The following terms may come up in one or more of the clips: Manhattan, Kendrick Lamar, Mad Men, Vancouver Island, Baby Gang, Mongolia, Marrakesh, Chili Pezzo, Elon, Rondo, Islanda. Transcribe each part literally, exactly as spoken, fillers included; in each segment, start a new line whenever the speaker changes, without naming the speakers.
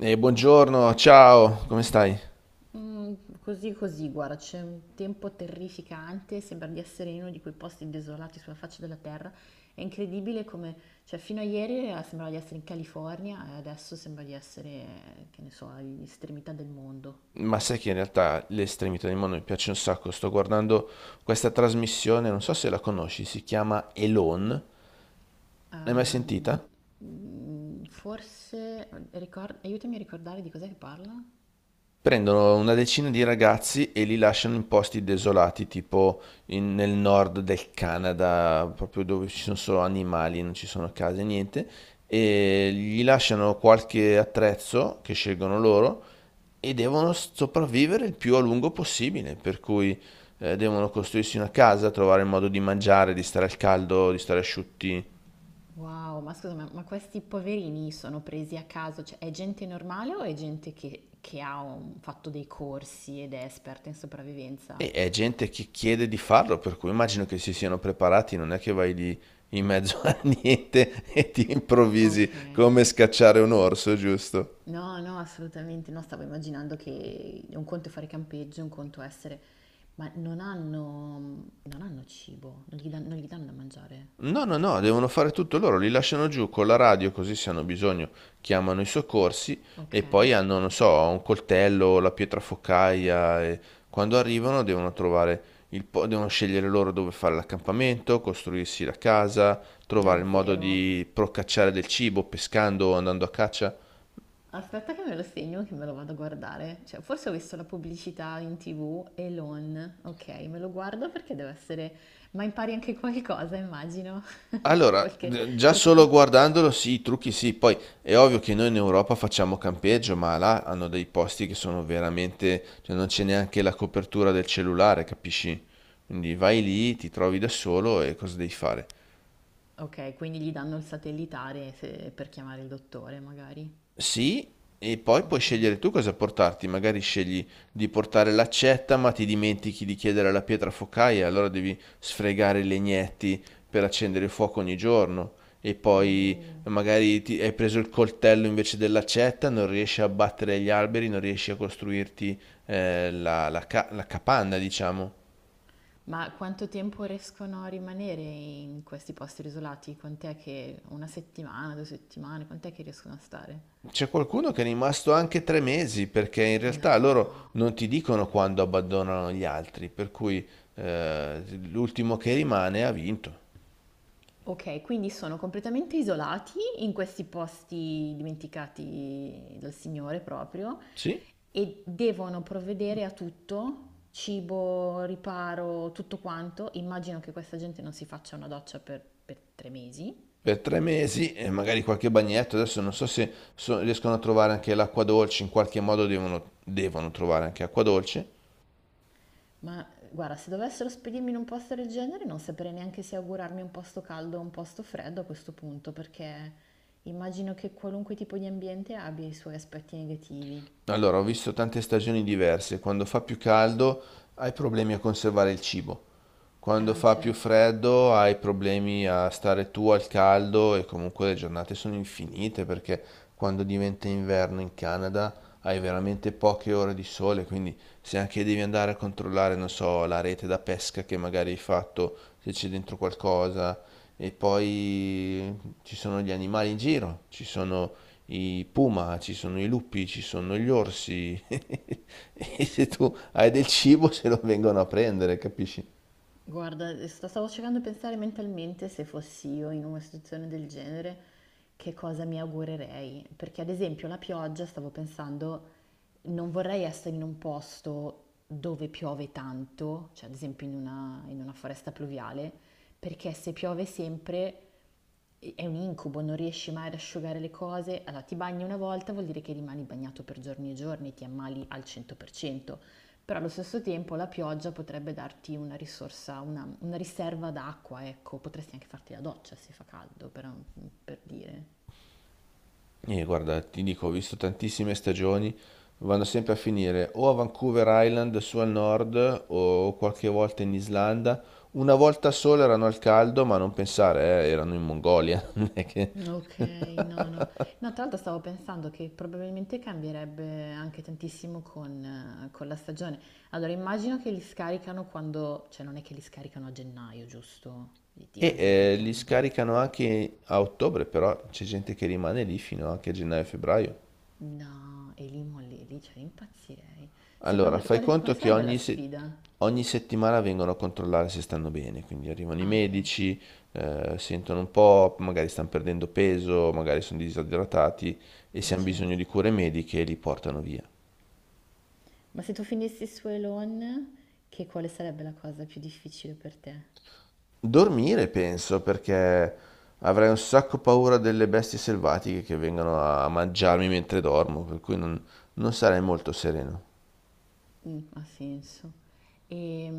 Eh, buongiorno, ciao, come stai?
Mm, così così, guarda, c'è un tempo terrificante, sembra di essere in uno di quei posti desolati sulla faccia della terra. È incredibile come, cioè, fino a ieri eh, sembrava di essere in California e adesso sembra di essere, eh, che ne so, all'estremità del mondo.
Ma sai che in realtà le estremità del mondo mi piace un sacco. Sto guardando questa trasmissione, non so se la conosci, si chiama Elon. L'hai mai
Ah, di-
sentita?
mm, forse, ricor- aiutami a ricordare di cos'è che parla?
Prendono una decina di ragazzi e li lasciano in posti desolati, tipo in- nel nord del Canada, proprio dove ci sono solo animali, non ci sono case, niente, e gli lasciano qualche attrezzo che scelgono loro e devono sopravvivere il più a lungo possibile, per cui eh, devono costruirsi una casa, trovare il modo di mangiare, di stare al caldo, di stare asciutti.
Wow, ma scusa, ma, ma questi poverini sono presi a caso? Cioè, è gente normale o è gente che, che ha un- fatto dei corsi ed è esperta in sopravvivenza?
E è gente che chiede di farlo, per cui immagino che si siano preparati, non è che vai lì in mezzo a niente e ti improvvisi
Ok,
come scacciare un orso, giusto?
no, no, assolutamente no, stavo immaginando che un conto è fare campeggio, un conto è essere... Ma non hanno, non hanno cibo, non gli, dan- non gli danno da mangiare.
No, no, no, devono fare tutto loro, li lasciano giù con la radio così se hanno bisogno chiamano i soccorsi e
Ok,
poi hanno, non so, un coltello, la pietra focaia e quando arrivano devono trovare il po- devono scegliere loro dove fare l'accampamento, costruirsi la casa,
da
trovare il modo
zero.
di procacciare del cibo pescando o andando a caccia.
Aspetta che me lo segno, che me lo vado a guardare. Cioè, forse ho visto la pubblicità in T V, Elon. Ok, me lo guardo perché deve essere... Ma impari anche qualcosa, immagino.
Allora,
Qualche
d- già solo
trucco.
guardandolo, sì, i trucchi sì, poi è ovvio che noi in Europa facciamo campeggio, ma là hanno dei posti che sono veramente, cioè non c'è neanche la copertura del cellulare, capisci? Quindi vai lì, ti trovi da solo e cosa devi fare?
Ok, quindi gli danno il satellitare se- per chiamare il dottore, magari.
Sì, e poi puoi
Ok.
scegliere tu cosa portarti, magari scegli di portare l'accetta, ma ti dimentichi di chiedere la pietra focaia, allora devi sfregare i legnetti per accendere il fuoco ogni giorno. E poi
Oh,
magari ti- hai preso il coltello invece dell'accetta, non riesci a abbattere gli alberi, non riesci a costruirti eh, la, la ca- la capanna, diciamo.
ma quanto tempo riescono a rimanere in questi posti isolati? Quant'è che una settimana, due settimane, quant'è che riescono a stare?
C'è qualcuno che è rimasto anche tre mesi perché in realtà loro
No.
non ti dicono quando abbandonano gli altri, per cui eh, l'ultimo che rimane ha vinto.
Ok, quindi sono completamente isolati in questi posti dimenticati dal Signore proprio
Sì,
e devono provvedere a tutto, cibo, riparo, tutto quanto. Immagino che questa gente non si faccia una doccia per, per tre mesi.
per tre mesi e magari qualche bagnetto. Adesso non so se so- riescono a trovare anche l'acqua dolce, in qualche modo devono, devono trovare anche acqua dolce.
Ma guarda, se dovessero spedirmi in un posto del genere, non saprei neanche se augurarmi un posto caldo o un posto freddo a questo punto, perché immagino che qualunque tipo di ambiente abbia i suoi aspetti negativi.
Allora, ho visto tante stagioni diverse. Quando fa più caldo hai problemi a conservare il cibo. Quando
Ah,
fa più
certo.
freddo hai problemi a stare tu al caldo e comunque le giornate sono infinite perché quando diventa inverno in Canada hai veramente poche ore di sole, quindi se anche devi andare a controllare, non so, la rete da pesca che magari hai fatto, se c'è dentro qualcosa, e poi ci sono gli animali in giro, ci sono i puma, ci sono i lupi, ci sono gli orsi. E se tu hai del cibo se lo vengono a prendere, capisci?
Guarda, sto- stavo cercando di pensare mentalmente se fossi io in una situazione del genere, che cosa mi augurerei. Perché ad esempio la pioggia, stavo pensando, non vorrei essere in un posto dove piove tanto, cioè ad esempio in una, in una foresta pluviale, perché se piove sempre è un incubo, non riesci mai ad asciugare le cose. Allora ti bagni una volta, vuol dire che rimani bagnato per giorni e giorni, ti ammali al cento per cento. Però allo stesso tempo la pioggia potrebbe darti una risorsa, una, una riserva d'acqua, ecco, potresti anche farti la doccia se fa caldo, per, per dire.
E guarda, ti dico, ho visto tantissime stagioni, vanno sempre a finire o a Vancouver Island, su al nord, o qualche volta in Islanda. Una volta sola erano al caldo, ma non pensare, eh, erano in Mongolia. non è che-
Ok, no, no. No, tra l'altro stavo pensando che probabilmente cambierebbe anche tantissimo con, eh, con la stagione. Allora, immagino che li scaricano quando, cioè non è che li scaricano a gennaio, giusto? Di- di-
E
Ad esempio in
eh, li
Canada.
scaricano anche a ottobre, però c'è gente che rimane lì fino anche a gennaio-febbraio.
No, e lì molli, lì, cioè impazzirei.
Allora,
Secondo te,
fai
quale,
conto
quale
che
sarebbe la
ogni, se-
sfida?
ogni settimana vengono a controllare se stanno bene, quindi arrivano i
Ah, ok,
medici, eh, sentono un po', magari stanno perdendo peso, magari sono disidratati e se
eh,
hanno bisogno
certo.
di cure mediche li portano via.
Ma se tu finissi su Elon, che quale sarebbe la cosa più difficile per te?
Dormire, penso, perché avrei un sacco paura delle bestie selvatiche che vengono a mangiarmi mentre dormo, per cui non, non sarei molto sereno.
Mm, ha senso. E,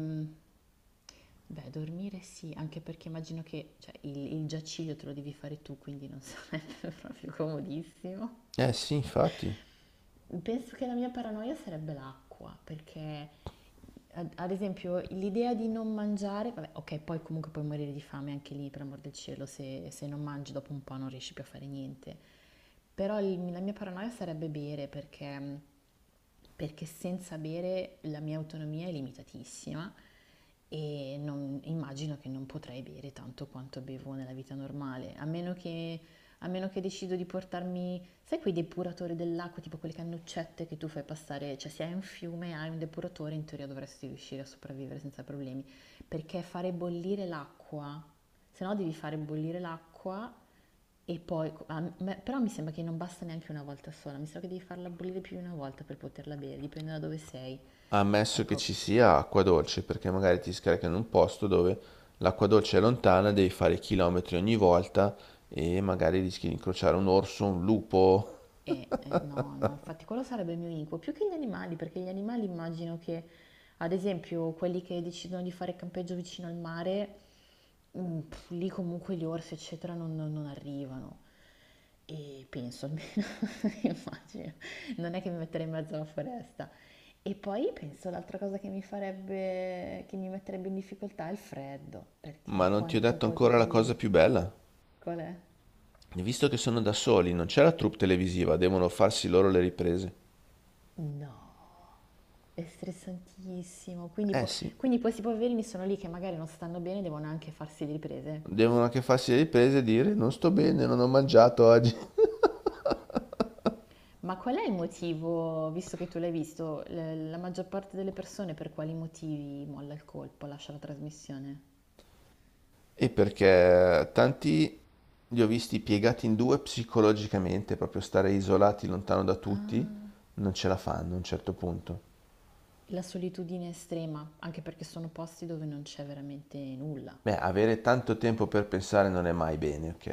beh, dormire sì, anche perché immagino che cioè, il, il giaciglio te lo devi fare tu, quindi non sarebbe proprio comodissimo.
Eh sì, infatti.
Penso che la mia paranoia sarebbe l'acqua, perché ad ad esempio l'idea di non mangiare, vabbè, ok, poi comunque puoi morire di fame anche lì, per amor del cielo, se, se non mangi dopo un po' non riesci più a fare niente. Però il- la mia paranoia sarebbe bere, perché, perché senza bere la mia autonomia è limitatissima e non- immagino che non potrei bere tanto quanto bevo nella vita normale, a meno che a meno che decido di portarmi, sai quei depuratori dell'acqua, tipo quelle cannuccette che tu fai passare, cioè se hai un fiume, hai un depuratore, in teoria dovresti riuscire a sopravvivere senza problemi, perché fare bollire l'acqua, se no devi fare bollire l'acqua e poi, a me- però mi sembra che non basta neanche una volta sola, mi sa che devi farla bollire più di una volta per poterla bere, dipende da dove sei.
Ammesso che
Ecco,
ci sia acqua dolce, perché magari ti scarica in un posto dove l'acqua dolce è lontana, devi fare chilometri ogni volta e magari rischi di incrociare un orso, un lupo.
E, eh, no, no, infatti quello sarebbe il mio incubo, più che gli animali, perché gli animali immagino che, ad esempio, quelli che decidono di fare campeggio vicino al mare, mm, pff, lì comunque gli orsi, eccetera, non, non- non arrivano. E penso almeno, immagino, non è che mi metterei in mezzo alla foresta. E poi penso l'altra cosa che mi farebbe, che mi metterebbe in difficoltà è il freddo,
Ma
perché
non ti ho
quanto
detto
puoi
ancora la cosa
coprirti?
più bella.
Qual è?
Visto che sono da soli, non c'è la troupe televisiva, devono farsi loro le riprese.
No. È stressantissimo, quindi,
Eh
po-
sì,
quindi questi poverini sono lì che magari non stanno bene e devono anche farsi le riprese.
devono anche farsi le riprese e dire non sto bene, non ho mangiato oggi.
Ma qual è il motivo, visto che tu l'hai visto, l- la maggior parte delle persone per quali motivi molla il colpo, lascia la trasmissione?
E perché tanti li ho visti piegati in due psicologicamente, proprio stare isolati lontano da tutti,
Ah,
non ce la fanno a un certo punto.
la solitudine estrema, anche perché sono posti dove non c'è veramente nulla.
Beh, avere tanto tempo per pensare non è mai bene, ok?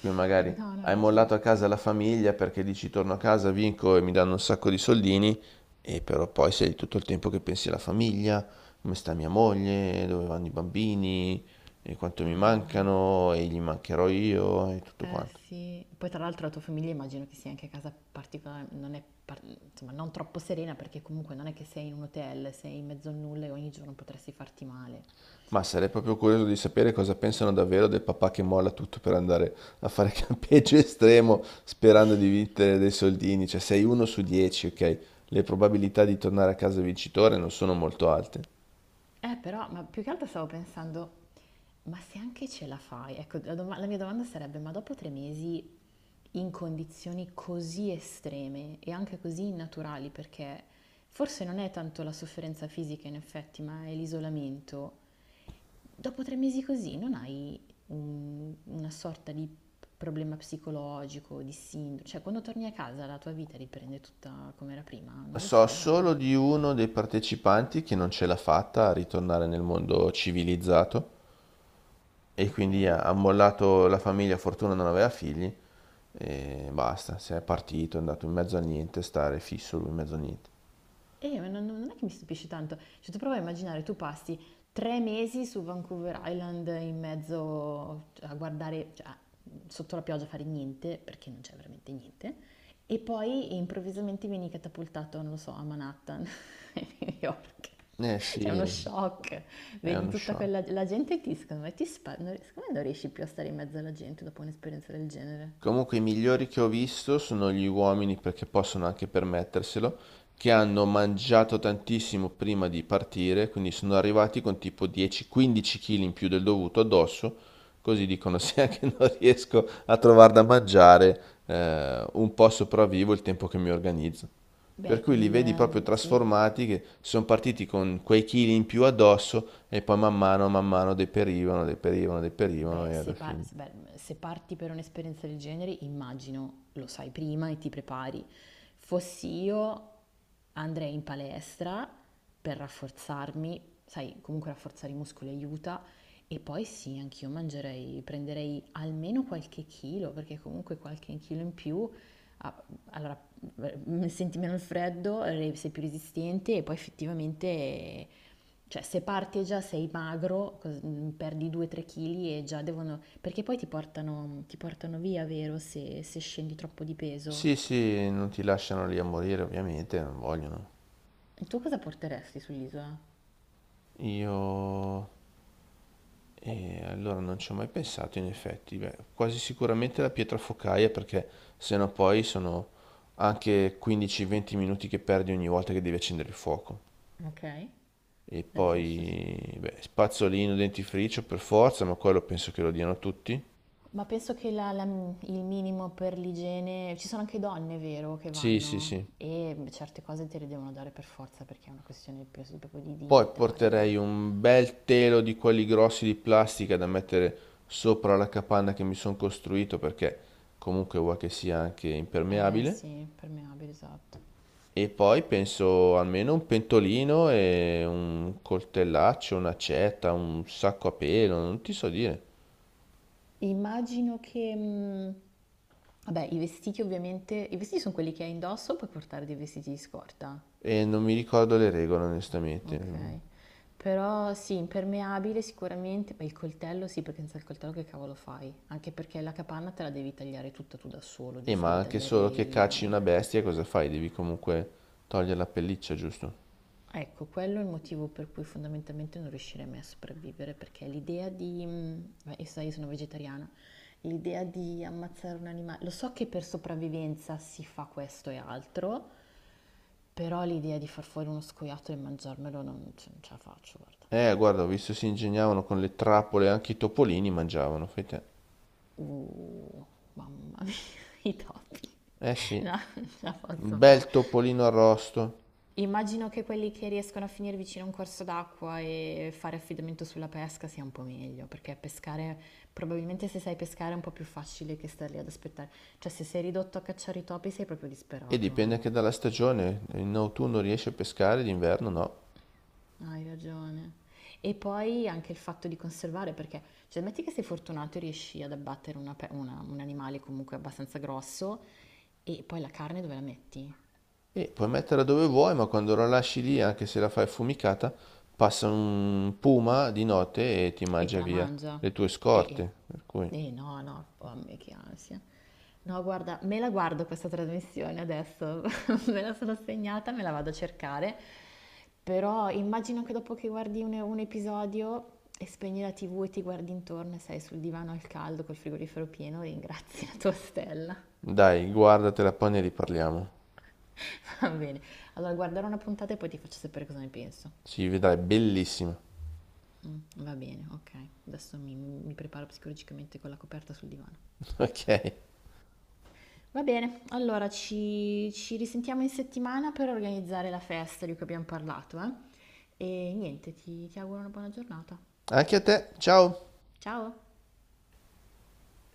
Quindi magari
No, no, hai
hai
ragione.
mollato a casa la famiglia perché dici torno a casa, vinco e mi danno un sacco di soldini, e però poi sei tutto il tempo che pensi alla famiglia, come sta mia moglie, dove vanno i bambini, e quanto mi
Ah.
mancano, e gli mancherò io, e tutto
Eh
quanto.
sì, poi tra l'altro la tua famiglia immagino che sia anche a casa particolare, non è par- insomma, non troppo serena perché comunque non è che sei in un hotel, sei in mezzo a nulla e ogni giorno potresti farti male.
Ma sarei proprio curioso di sapere cosa pensano davvero del papà che molla tutto per andare a fare campeggio estremo sperando di vincere dei soldini. Cioè, sei uno su dieci, ok? Le probabilità di tornare a casa vincitore non sono molto alte.
Eh però, ma più che altro stavo pensando, ma se anche ce la fai, ecco, la, doma- la mia domanda sarebbe, ma dopo tre mesi in condizioni così estreme e anche così innaturali, perché forse non è tanto la sofferenza fisica in effetti, ma è l'isolamento. Dopo tre mesi così non hai un- una sorta di problema psicologico, di sindrome, cioè quando torni a casa la tua vita riprende tutta come era prima? Non lo
So
so,
solo
eh.
di uno dei partecipanti che non ce l'ha fatta a ritornare nel mondo civilizzato e
Ok?
quindi ha ha mollato la famiglia, fortuna non aveva figli e basta, si è partito, è andato in mezzo a niente, stare fisso lui in mezzo a niente.
Eh, ma non, non è che mi stupisce tanto. Cioè, tu prova a immaginare, tu passi tre mesi su Vancouver Island in mezzo cioè, a guardare, cioè, sotto la pioggia a fare niente, perché non c'è veramente niente, e poi improvvisamente vieni catapultato, non lo so, a Manhattan, a New York.
Eh sì,
C'è uno shock,
è
vedi
uno
tutta
shock.
quella la gente e ti, secondo me, ti spa- non- secondo me non riesci più a stare in mezzo alla gente dopo un'esperienza del genere.
Comunque i migliori che ho visto sono gli uomini perché possono anche permetterselo, che hanno mangiato tantissimo prima di partire, quindi sono arrivati con tipo dieci quindici chili kg in più del dovuto addosso, così dicono se anche non riesco a trovare da mangiare, eh, un po' sopravvivo il tempo che mi organizzo. Per
Beh,
cui li
il...
vedi proprio
ehm, sì.
trasformati, che sono partiti con quei chili in più addosso e poi man mano, man mano deperivano, deperivano, deperivano
Beh,
e alla
se, par-
fine.
se- beh, se parti per un'esperienza del genere, immagino lo sai prima e ti prepari. Fossi io, andrei in palestra per rafforzarmi, sai, comunque rafforzare i muscoli aiuta. E poi sì, anch'io mangerei, prenderei almeno qualche chilo, perché comunque qualche chilo in più, ah, allora eh, senti meno il freddo, eh, sei più resistente e poi effettivamente, eh, cioè se parti e già sei magro, cos- mm, perdi due tre kg e già devono, perché poi ti portano, ti portano via, vero, se, se scendi troppo di peso.
Sì, sì, non ti lasciano lì a morire, ovviamente, non vogliono.
E tu cosa porteresti sull'isola?
Io... E allora non ci ho mai pensato, in effetti. Beh, quasi sicuramente la pietra focaia, perché sennò poi sono anche 15-20 minuti che perdi ogni volta che devi accendere il fuoco.
Ok,
E
è giusto, sì.
poi, beh, spazzolino, dentifricio per forza, ma quello penso che lo diano tutti.
Ma penso che la- la- il minimo per l'igiene, ci sono anche donne, vero, che
Sì, sì,
vanno
sì.
e certe cose te le devono dare per forza perché è una questione più- proprio di
Poi
dignità e di...
porterei un bel telo di quelli grossi di plastica da mettere sopra la capanna che mi sono costruito perché comunque vuoi che sia anche
Eh
impermeabile.
sì, permeabile, esatto.
E poi penso almeno un pentolino e un coltellaccio, un'accetta, un sacco a pelo, non ti so dire.
Immagino che... mm, Vabbè, i vestiti ovviamente... I vestiti sono quelli che hai indosso, puoi portare dei vestiti di scorta.
E non mi ricordo le regole onestamente.
Ok. Però sì, impermeabile sicuramente, ma il coltello sì, perché senza il coltello che cavolo fai? Anche perché la capanna te la devi tagliare tutta tu da solo,
E
giusto?
ma
Devi
anche
tagliare
solo che
i
cacci
rami.
una bestia cosa fai? Devi comunque togliere la pelliccia, giusto?
Ecco, quello è il motivo per cui fondamentalmente non riuscirei mai a sopravvivere, perché l'idea di... mm, Beh, io so, io sono vegetariana, l'idea di ammazzare un animale... Lo so che per sopravvivenza si fa questo e altro, però l'idea di far fuori uno scoiattolo e mangiarmelo non, cioè, non ce la faccio, guarda.
Eh, guarda, ho visto si ingegnavano con le trappole, anche i topolini mangiavano, fai te.
Uh, mamma mia, i topi.
Eh sì,
No, non ce la
un
posso
bel
fare.
topolino arrosto.
Immagino che quelli che riescono a finire vicino a un corso d'acqua e fare affidamento sulla pesca sia un po' meglio, perché pescare, probabilmente se sai pescare è un po' più facile che stare lì ad aspettare. Cioè, se sei ridotto a cacciare i topi sei proprio
E
disperato,
dipende anche
eh.
dalla stagione, in autunno riesci a pescare, d'inverno no.
Hai ragione. E poi anche il fatto di conservare, perché, cioè, metti che sei fortunato e riesci ad abbattere una pe- una- un animale comunque abbastanza grosso, e poi la carne dove la metti?
E puoi metterla dove vuoi, ma quando la lasci lì, anche se la fai affumicata, passa un puma di notte e ti
E te
mangia
la
via
mangia?
le tue
Eh, eh.
scorte. Per cui,
Eh, no, no, oh, a me che ansia. No, guarda, me la guardo questa trasmissione adesso, me la sono segnata, me la vado a cercare, però immagino che dopo che guardi un, un episodio e spegni la T V e ti guardi intorno e sei sul divano al caldo col frigorifero pieno, ringrazi la tua stella.
dai, guardatela, poi ne riparliamo.
Va bene, allora guarderò una puntata e poi ti faccio sapere cosa ne penso.
Si vedrai, bellissima.
Mm, va bene, ok, adesso mi, mi preparo psicologicamente con la coperta sul divano.
Ok.
Va bene, allora ci, ci risentiamo in settimana per organizzare la festa di cui abbiamo parlato, eh? E niente, ti ti auguro una buona giornata.
Anche a te, ciao!
Ciao!